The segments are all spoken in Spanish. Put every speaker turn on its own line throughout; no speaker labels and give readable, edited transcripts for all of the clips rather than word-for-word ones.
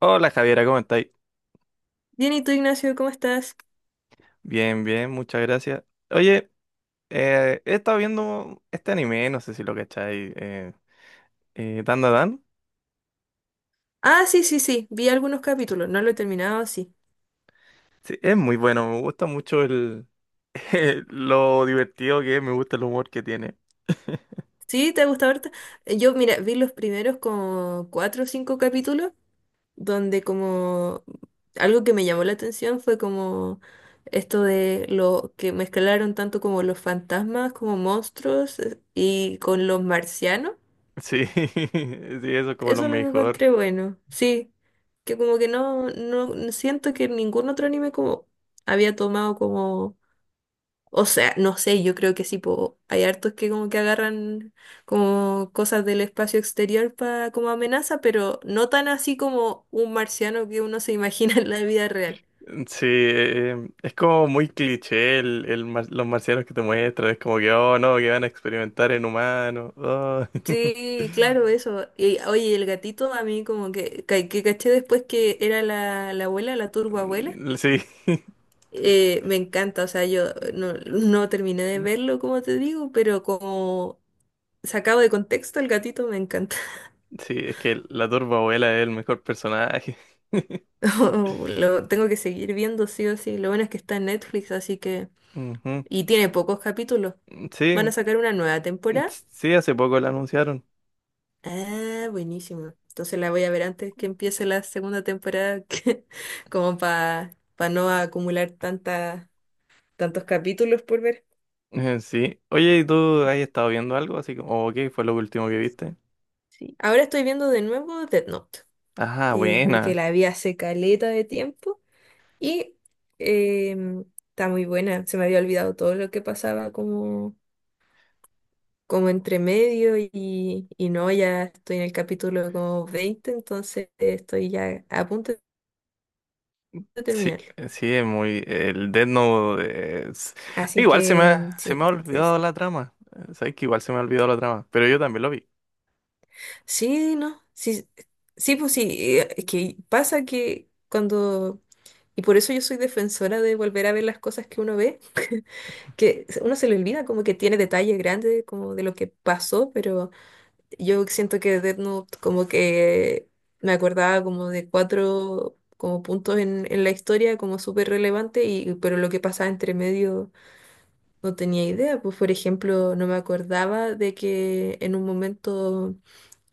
Hola Javiera, ¿cómo estáis?
Bien, ¿y tú, Ignacio, cómo estás?
Bien, bien, muchas gracias. Oye, he estado viendo este anime, no sé si lo cacháis, Dan Da Dan.
Ah, sí, sí, sí, vi algunos capítulos, no lo he terminado, sí.
Sí, es muy bueno, me gusta mucho lo divertido que es, me gusta el humor que tiene.
¿Sí? ¿Te ha gustado ahorita? Yo, mira, vi los primeros como cuatro o cinco capítulos, donde como algo que me llamó la atención fue como esto de lo que mezclaron tanto como los fantasmas, como monstruos y con los marcianos.
Sí, sí, eso es como lo
Eso lo
mejor.
encontré bueno, sí. Que como que no, no siento que ningún otro anime como había tomado como o sea, no sé, yo creo que sí, po, hay hartos que como que agarran como cosas del espacio exterior para como amenaza, pero no tan así como un marciano que uno se imagina en la vida real.
Sí, es como muy cliché los marcianos que te muestran, es como que, oh no, que van a experimentar en humanos. Oh.
Sí, claro, eso. Y, oye, el gatito a mí como que, que caché después que era la abuela, la turboabuela.
Sí,
Me encanta, o sea, yo no, no terminé de verlo, como te digo, pero como sacado de contexto, el gatito me encanta.
sí, es que la turba abuela es el mejor personaje.
Lo tengo que seguir viendo sí o sí. Lo bueno es que está en Netflix, así que.
Ujú.
Y tiene pocos capítulos. Van a
Sí,
sacar una nueva temporada.
sí, hace poco la anunciaron.
Ah, buenísimo. Entonces la voy a ver antes que empiece la segunda temporada, como para no acumular tanta, tantos capítulos por ver.
Sí. Oye, ¿y tú has estado viendo algo? Así como, o ¿qué fue lo último que viste?
Sí. Ahora estoy viendo de nuevo Death Note,
Ajá,
porque
buena.
la vi hace caleta de tiempo y em, está muy buena. Se me había olvidado todo lo que pasaba como entre medio y no, ya estoy en el capítulo como 20, entonces estoy ya a punto de
Sí,
terminarlo.
sí, es muy. El Death Note.
Así
Igual
que mm,
se me
sí,
ha
sí, sí,
olvidado la trama. Sabes que igual se me ha olvidado la trama, pero yo también lo vi.
sí, no, sí, sí, pues sí, es que pasa que y por eso yo soy defensora de volver a ver las cosas que uno ve, que uno se le olvida, como que tiene detalles grandes como de lo que pasó, pero yo siento que Death Note como que me acordaba como de cuatro como puntos en la historia, como súper relevante, y pero lo que pasaba entre medio no tenía idea. Pues por ejemplo, no me acordaba de que en un momento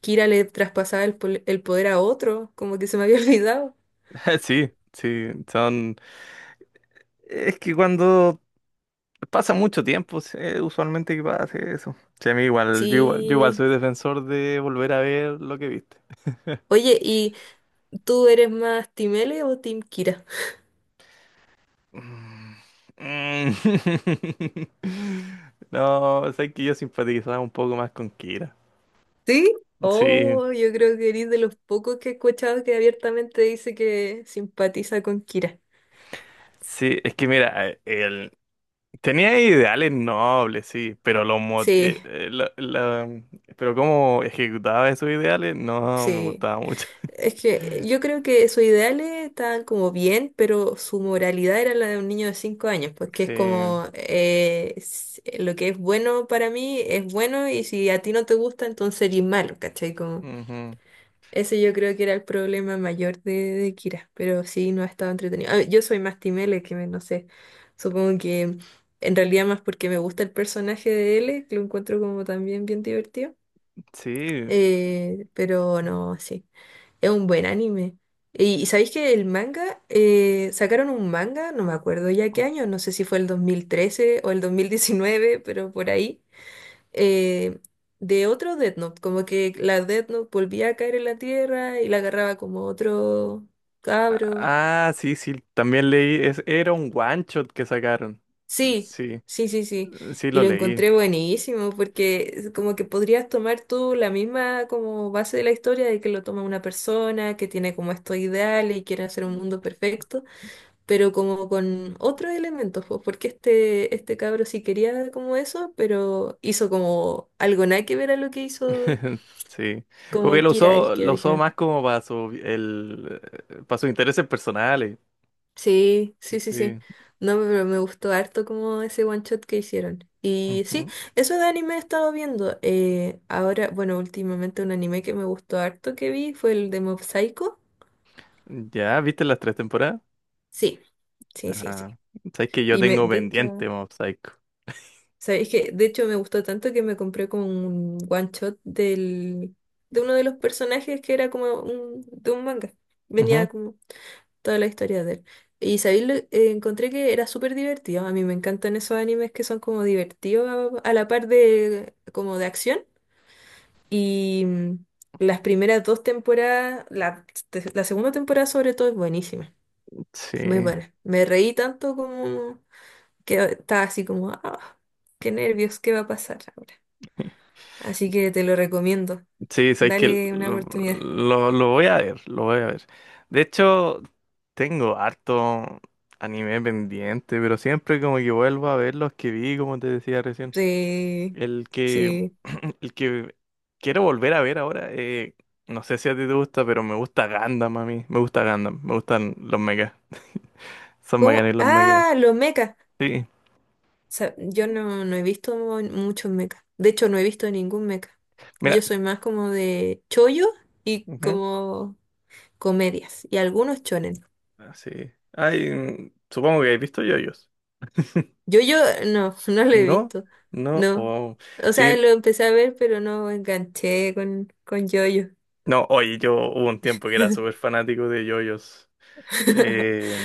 Kira le traspasaba el poder a otro, como que se me había olvidado.
Sí, sí, son. Es que cuando pasa mucho tiempo, usualmente que pasa eso. Sí, a mí igual, yo igual
Sí.
soy defensor de volver a ver lo que viste.
Oye, ¿y tú eres más Team L o Team Kira?
Mm, mm. No, sé que yo simpatizaba un poco más con Kira.
¿Sí?
Sí,
Oh, yo creo que eres de los pocos que he escuchado que abiertamente dice que simpatiza con Kira.
sí, es que mira, él tenía ideales nobles, sí, pero los mot-
Sí,
la- la- pero cómo ejecutaba esos ideales no me
sí.
gustaba mucho.
Es que yo creo que sus ideales estaban como bien, pero su moralidad era la de un niño de 5 años, pues que es
Sí.
como lo que es bueno para mí es bueno y si a ti no te gusta, entonces eres malo, ¿cachai? Como,
Ujú,
ese yo creo que era el problema mayor de Kira, pero sí, no ha estado entretenido. Ah, yo soy más Team L, que no sé, supongo que en realidad más porque me gusta el personaje de L, que lo encuentro como también bien divertido,
sí.
pero no, sí. Es un buen anime. Y sabéis que el manga, sacaron un manga, no me acuerdo ya qué año, no sé si fue el 2013 o el 2019, pero por ahí, eh, de otro Death Note, como que la Death Note volvía a caer en la tierra y la agarraba como otro cabro.
Ah, sí, sí, también leí. Era un one shot que sacaron.
Sí,
Sí,
sí, sí, sí.
sí
Y
lo
lo
leí.
encontré buenísimo porque es como que podrías tomar tú la misma como base de la historia, de que lo toma una persona que tiene como estos ideales y quiere hacer un mundo perfecto, pero como con otros elementos, pues, porque este cabro sí quería como eso, pero hizo como algo nada que ver a lo que hizo
Sí. Como que
como Kira, el que
lo usó
original.
más como para su el para sus intereses personales.
Sí, sí, sí, sí.
Sí.
No, pero me gustó harto como ese one shot que hicieron. Y sí,
Ujú.
eso de anime he estado viendo. Ahora, bueno, últimamente un anime que me gustó harto que vi fue el de Mob Psycho.
Ya, ¿viste las tres temporadas?
Sí, sí, sí, sí.
Ajá. Sabes que yo tengo
De hecho,
pendiente Mob Psycho.
sabéis que de hecho me gustó tanto que me compré como un one shot de uno de los personajes que era como de un manga. Venía
Ujú.
como toda la historia de él. Y sabéis, encontré que era súper divertido. A mí me encantan esos animes que son como divertidos a la par de como de acción. Y las primeras dos temporadas, la segunda temporada sobre todo es buenísima, muy
Sí.
buena. Me reí tanto como que estaba así como, ah, qué nervios, ¿qué va a pasar ahora? Así que te lo recomiendo.
Sí, sabes que
Dale una
lo,
oportunidad.
lo- lo voy a ver, lo voy a ver. De hecho, tengo harto anime pendiente, pero siempre como que vuelvo a ver los que vi, como te decía recién.
Sí,
El que,
sí.
el que quiero volver a ver ahora, no sé si a ti te gusta, pero me gusta Gundam a mí. Me gusta Gundam, me gustan los megas. Son
¿Cómo?
bacanes los megas.
Ah, los mechas.
Sí,
Yo no, no he visto muchos mechas. De hecho, no he visto ningún mecha.
mira.
Yo soy más como de chollo y
Ujú,
como comedias. Y algunos chonen.
ah, sí. Ay, supongo que habéis visto yoyos.
Yo, no, no lo he
¿No?
visto.
No,
No.
wow.
O
Sí,
sea, lo empecé a ver, pero no enganché con yo-yo.
no, oye, yo hubo un tiempo que era súper fanático de yoyos. Eh,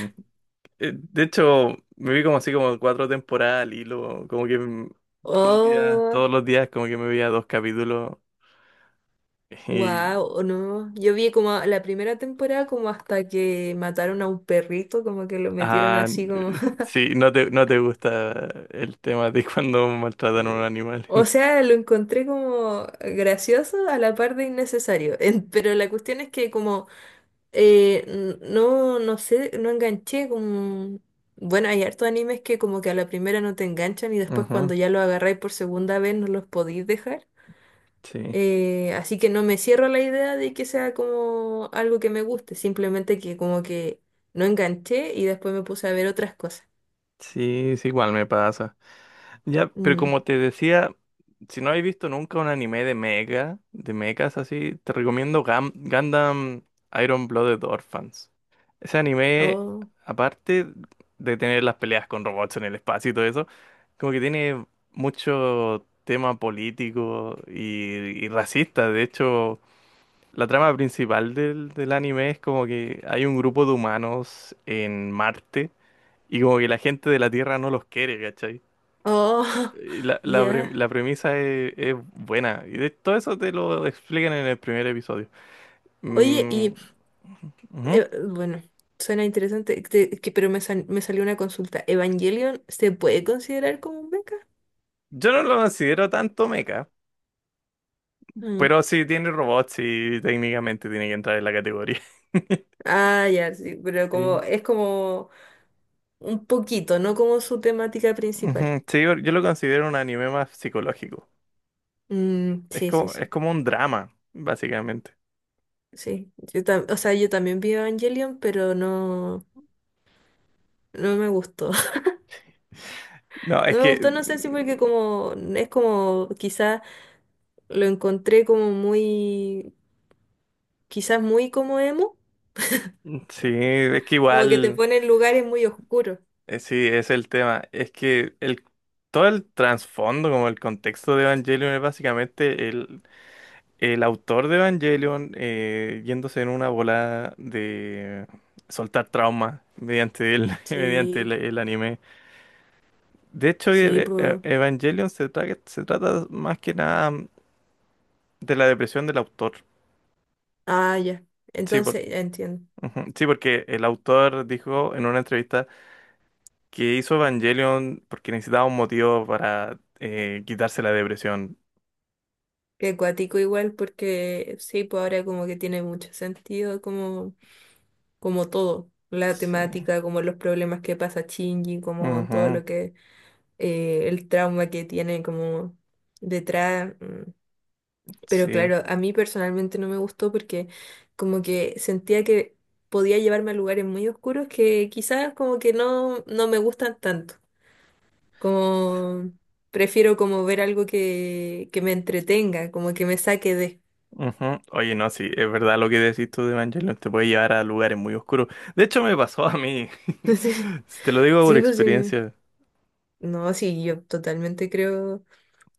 de hecho, me vi como así como cuatro temporadas al hilo, como que
Oh.
todos los días como que me veía dos capítulos y,
Wow, no. Yo vi como la primera temporada como hasta que mataron a un perrito, como que lo metieron
ah,
así como.
sí, no te gusta el tema de cuando maltratan a un animal.
O sea, lo encontré como gracioso a la par de innecesario. Pero la cuestión es que como no, no sé, no enganché como. Bueno, hay hartos animes que como que a la primera no te enganchan y después
Ujú,
cuando ya lo agarráis por segunda vez no los podéis dejar.
sí,
Así que no me cierro a la idea de que sea como algo que me guste, simplemente que como que no enganché y después me puse a ver otras cosas.
sí, sí, igual me pasa. Ya, pero
Mm.
como te decía, si no habéis visto nunca un anime de mecha, de mechas así, te recomiendo Gundam Iron Blooded Orphans. Ese anime,
Oh,
aparte de tener las peleas con robots en el espacio y todo eso, como que tiene mucho tema político y racista. De hecho, la trama principal del anime es como que hay un grupo de humanos en Marte y como que la gente de la Tierra no los quiere, ¿cachai?
oh,
Y La, la, pre-
ya.
la premisa es buena. Y de todo eso te lo explican en el primer episodio.
Oye,
Mm,
y
ujú.
bueno, suena interesante, te- que, pero me, sal- me salió una consulta. ¿Evangelion se puede considerar como un mecha?
Yo no lo considero tanto mecha,
Mm.
pero sí tiene robots y técnicamente tiene que entrar en la categoría.
Ah, ya, sí, pero como
Sí.
es como un poquito, no como su temática principal.
Ujú. Sí, yo lo considero un anime más psicológico.
Mm,
Es
sí, sí,
como, es
sí.
como un drama, básicamente.
Sí, yo o sea, yo también vi Evangelion, pero no, no me gustó.
No, es
No me
que
gustó, no sé si porque como es como quizás lo encontré como muy, quizás muy como emo,
sí, es que
como que te
igual,
pone en lugares muy oscuros.
sí, es el tema. Es que el todo el trasfondo, como el contexto de Evangelion es básicamente el autor de Evangelion yéndose en una bola de soltar trauma mediante el,
Sí,
el anime. De hecho,
sí, pues.
Evangelion se trata más que nada de la depresión del autor.
Ah, ya.
Sí,
Entonces, ya entiendo.
ujú. Sí, porque el autor dijo en una entrevista que hizo Evangelion porque necesitaba un motivo para quitarse la depresión.
Que cuático igual, porque sí, pues ahora como que tiene mucho sentido, como, como todo, la
Sí.
temática, como los problemas que pasa Shinji, como todo
Ujú.
lo que el trauma que tiene como detrás. Mm. Pero
Sí.
claro, a mí personalmente no me gustó porque como que sentía que podía llevarme a lugares muy oscuros que quizás como que no, no me gustan tanto. Como prefiero como ver algo que me entretenga, como que me saque de.
Ujú. Oye, no, sí, es verdad lo que decís tú de Evangelion, te puede llevar a lugares muy oscuros. De hecho, me pasó a mí, si te lo digo por
Sí, pues sí.
experiencia.
No, sí, yo totalmente creo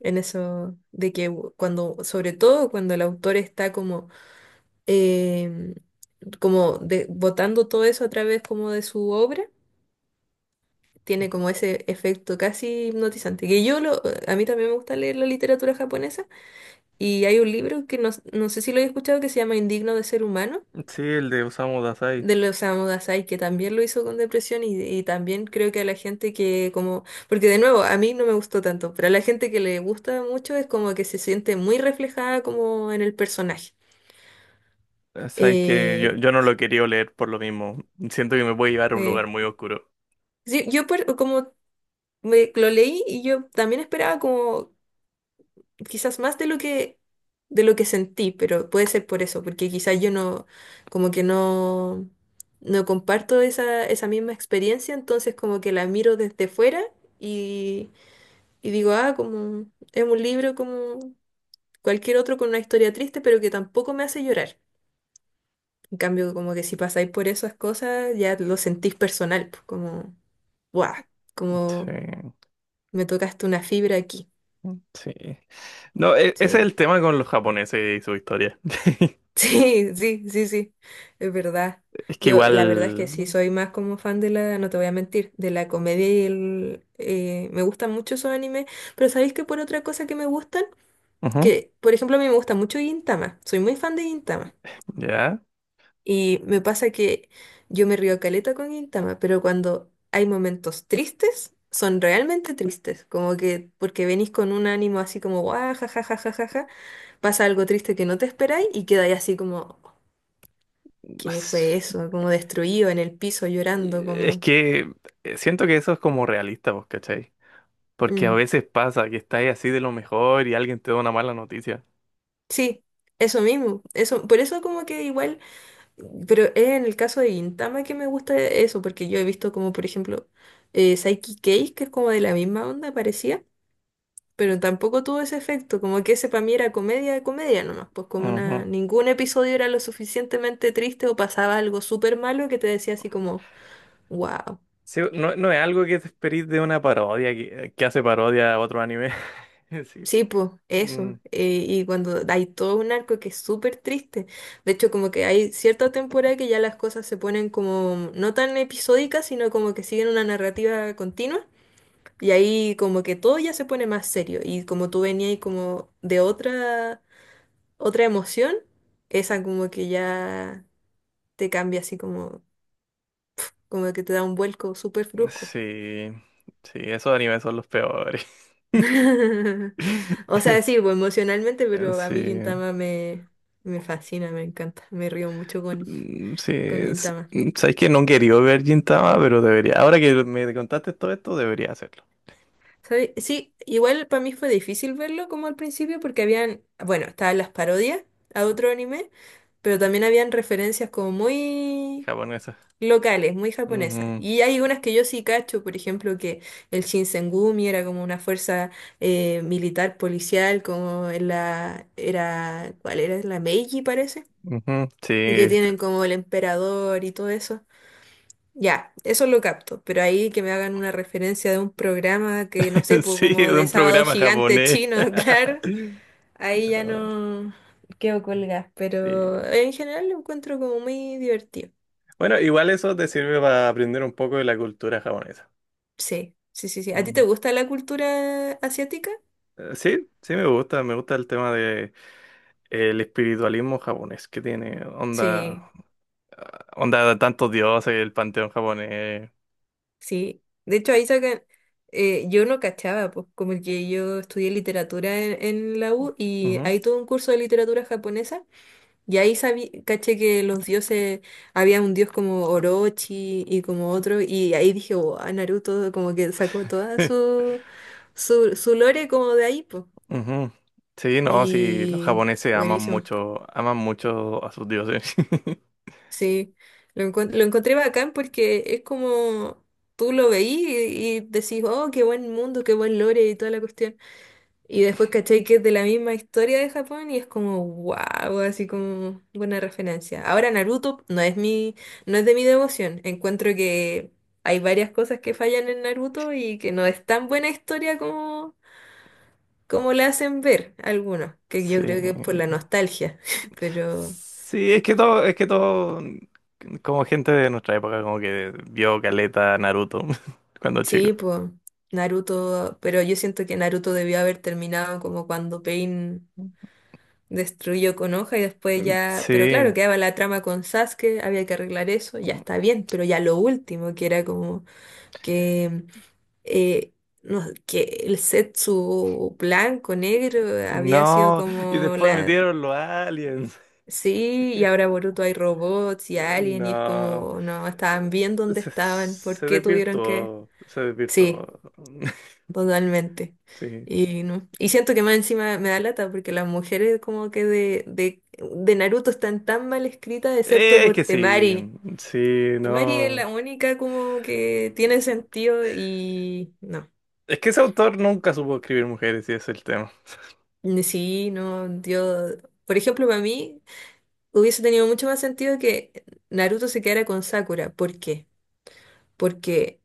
en eso de que cuando, sobre todo cuando el autor está como eh, como botando todo eso a través como de su obra, tiene como ese efecto casi hipnotizante. Que a mí también me gusta leer la literatura japonesa y hay un libro que no, no sé si lo he escuchado, que se llama Indigno de ser humano.
Sí, el de Osamu Dazai.
De los Osamu Dazai, que también lo hizo con depresión, y también creo que a la gente que como, porque de nuevo, a mí no me gustó tanto, pero a la gente que le gusta mucho es como que se siente muy reflejada como en el personaje.
Sabes que yo,
Eh,
yo no lo quería leer por lo mismo. Siento que me puede llevar a un lugar
eh,
muy oscuro.
Sí, yo per- como me- lo leí y yo también esperaba como quizás más de lo que sentí, pero puede ser por eso, porque quizás yo no, como que no, no comparto esa misma experiencia, entonces como que la miro desde fuera y y digo, ah, como es un libro como cualquier otro con una historia triste, pero que tampoco me hace llorar. En cambio, como que si pasáis por esas cosas, ya lo sentís personal, pues, como, ¡guau! Como,
Sí,
me tocaste una fibra aquí.
sí. No, ese
Sí,
es el tema con los japoneses y su historia.
sí, sí, sí, sí, es verdad.
Es que
Yo, la verdad es que sí,
igual.
soy más como fan de la, no te voy a mentir, de la comedia y el. Me gustan mucho esos animes, pero ¿sabéis que por otra cosa que me gustan?
Ujú,
Que, por ejemplo, a mí me gusta mucho Gintama, soy muy fan de Gintama.
ya.
Y me pasa que yo me río caleta con Gintama, pero cuando hay momentos tristes, son realmente tristes. Como que porque venís con un ánimo así como, guau, ja, ja, ja, ja, ja, ja", pasa algo triste que no te esperáis y quedáis así como. ¿Qué fue eso? Como destruido en el piso llorando,
Es
como.
que siento que eso es como realista, ¿vos cachai? Porque a
Mm.
veces pasa que estás así de lo mejor y alguien te da una mala noticia.
Sí, eso mismo. Eso, por eso como que igual, pero es en el caso de Gintama que me gusta eso, porque yo he visto como, por ejemplo, Psyche Case, que es como de la misma onda, parecía, pero tampoco tuvo ese efecto, como que ese para mí era comedia de comedia nomás, pues como
Ujú.
una. Ningún episodio era lo suficientemente triste o pasaba algo súper malo que te decía así como, wow.
Sí, no, no es algo que te esperís de una parodia que hace parodia a otro anime. Sí.
Sí, pues,
Mm,
eso. Y cuando hay todo un arco que es súper triste. De hecho, como que hay cierta temporada que ya las cosas se ponen como no tan episódicas, sino como que siguen una narrativa continua. Y ahí como que todo ya se pone más serio. Y como tú venías ahí como de otra, otra emoción, esa como que ya te cambia así como, como que te da un vuelco súper brusco.
sí. Sí, esos animes son los peores.
O sea, sí, pues, emocionalmente, pero a
Sí.
mí Gintama me fascina, me encanta. Me río mucho
Mm, sí.
con Gintama.
Sabes que no quería ver Gintama, pero debería. Ahora que me contaste todo esto, debería hacerlo.
¿Sabe? Sí, igual para mí fue difícil verlo como al principio porque habían, bueno, estaban las parodias a otro anime, pero también habían referencias como muy
Japonesa.
locales, muy japonesas.
Ujú,
Y hay unas que yo sí cacho, por ejemplo, que el Shinsengumi era como una fuerza militar policial, como en la, era, ¿cuál era? La Meiji, parece,
ujú, sí,
y que tienen como el emperador y todo eso. Ya, eso lo capto, pero ahí que me hagan una referencia de un programa que no sé, pues
sí, es
como de
un
Sábado
programa
Gigante
japonés.
chino, claro, ahí ya no quedo colgada,
Sí.
pero en general lo encuentro como muy divertido.
Bueno, igual eso te sirve para aprender un poco de la cultura japonesa.
Sí, sí, sí, sí. ¿A ti te
Mm.
gusta la cultura asiática?
Sí, sí me gusta el tema de el espiritualismo japonés que tiene onda,
Sí,
onda de tantos dioses, el panteón japonés.
sí. De hecho, ahí sacan, yo no cachaba, pues como que yo estudié literatura en la U y
Ujú.
hay todo un curso de literatura japonesa. Y ahí sabí, caché que los dioses, había un dios como Orochi y como otro, y ahí dije, wow, Naruto como que sacó toda su, su, su lore como de ahí, pues.
Ujú. Sí, no, sí, los
Y
japoneses
buenísimo,
aman mucho a sus dioses.
sí. Lo, lo encontré bacán porque es como tú lo veí y decís, oh, qué buen mundo, qué buen lore y toda la cuestión. Y después caché que es de la misma historia de Japón y es como wow, así como buena referencia. Ahora Naruto no es mi, no es de mi devoción. Encuentro que hay varias cosas que fallan en Naruto y que no es tan buena historia como, como la hacen ver algunos, que yo creo que es por la
Sí.
nostalgia. Pero
Sí, es que todo, como gente de nuestra época, como que vio Caleta, Naruto, cuando chico.
sí, pues Naruto, pero yo siento que Naruto debió haber terminado como cuando Pain destruyó con hoja y después ya, pero claro,
Sí.
quedaba la trama con Sasuke, había que arreglar eso, ya está bien, pero ya lo último, que era como que, eh, no, que el Zetsu blanco, negro, había sido
No, y
como
después
la...
metieron los aliens.
Sí, y ahora Boruto hay robots y alien y es
No.
como, no, estaban bien
Eh,
donde
se,
estaban, ¿por
se
qué tuvieron que...?
desvirtuó, se
Sí,
desvirtuó.
totalmente.
Sí.
Y, no. Y siento que más encima me da lata porque las mujeres como que de Naruto están tan mal escritas excepto
Es
por
que sí,
Temari.
sí,
Temari es la
no.
única como que tiene sentido y no.
Es que ese autor nunca supo escribir mujeres y ese es el tema.
Ni sí, no, yo, por ejemplo, para mí hubiese tenido mucho más sentido que Naruto se quedara con Sakura. ¿Por qué? Porque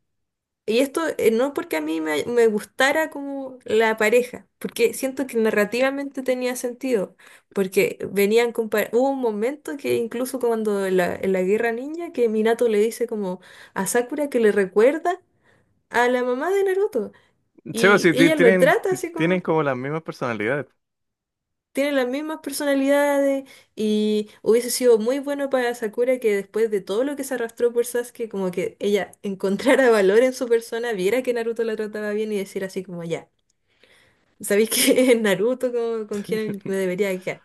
y esto no porque a mí me gustara como la pareja, porque siento que narrativamente tenía sentido, porque venían compar hubo un momento que incluso cuando en la Guerra Ninja que Minato le dice como a Sakura que le recuerda a la mamá de Naruto
Sí, o
y
sí, ti-
ella lo
tienen,
trata
ti-
así
tienen
como
como las mismas personalidades.
tiene las mismas personalidades y hubiese sido muy bueno para Sakura que después de todo lo que se arrastró por Sasuke, como que ella encontrara valor en su persona, viera que Naruto la trataba bien y decir así como ya. Sabéis que Naruto con quien me debería quedar.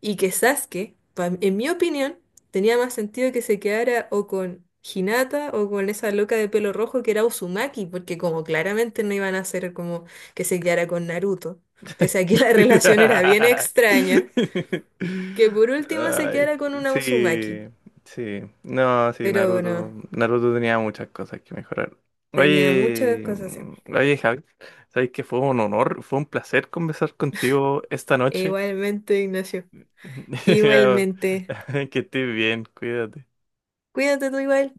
Y que Sasuke, pa- en mi opinión, tenía más sentido que se quedara o con Hinata o con esa loca de pelo rojo que era Uzumaki, porque como claramente no iban a hacer como que se quedara con Naruto, pese a que la relación era bien extraña, que por último se
Ay,
quedara con una Uzumaki.
sí, sí. No, sí,
Pero
Naruto.
no,
Naruto tenía muchas cosas que mejorar.
tenía muchas
Oye,
cosas así.
Javi, sabes que fue un honor, fue un placer conversar contigo esta noche.
Igualmente, Ignacio. Igualmente.
Que estés bien, cuídate.
Cuídate tú igual.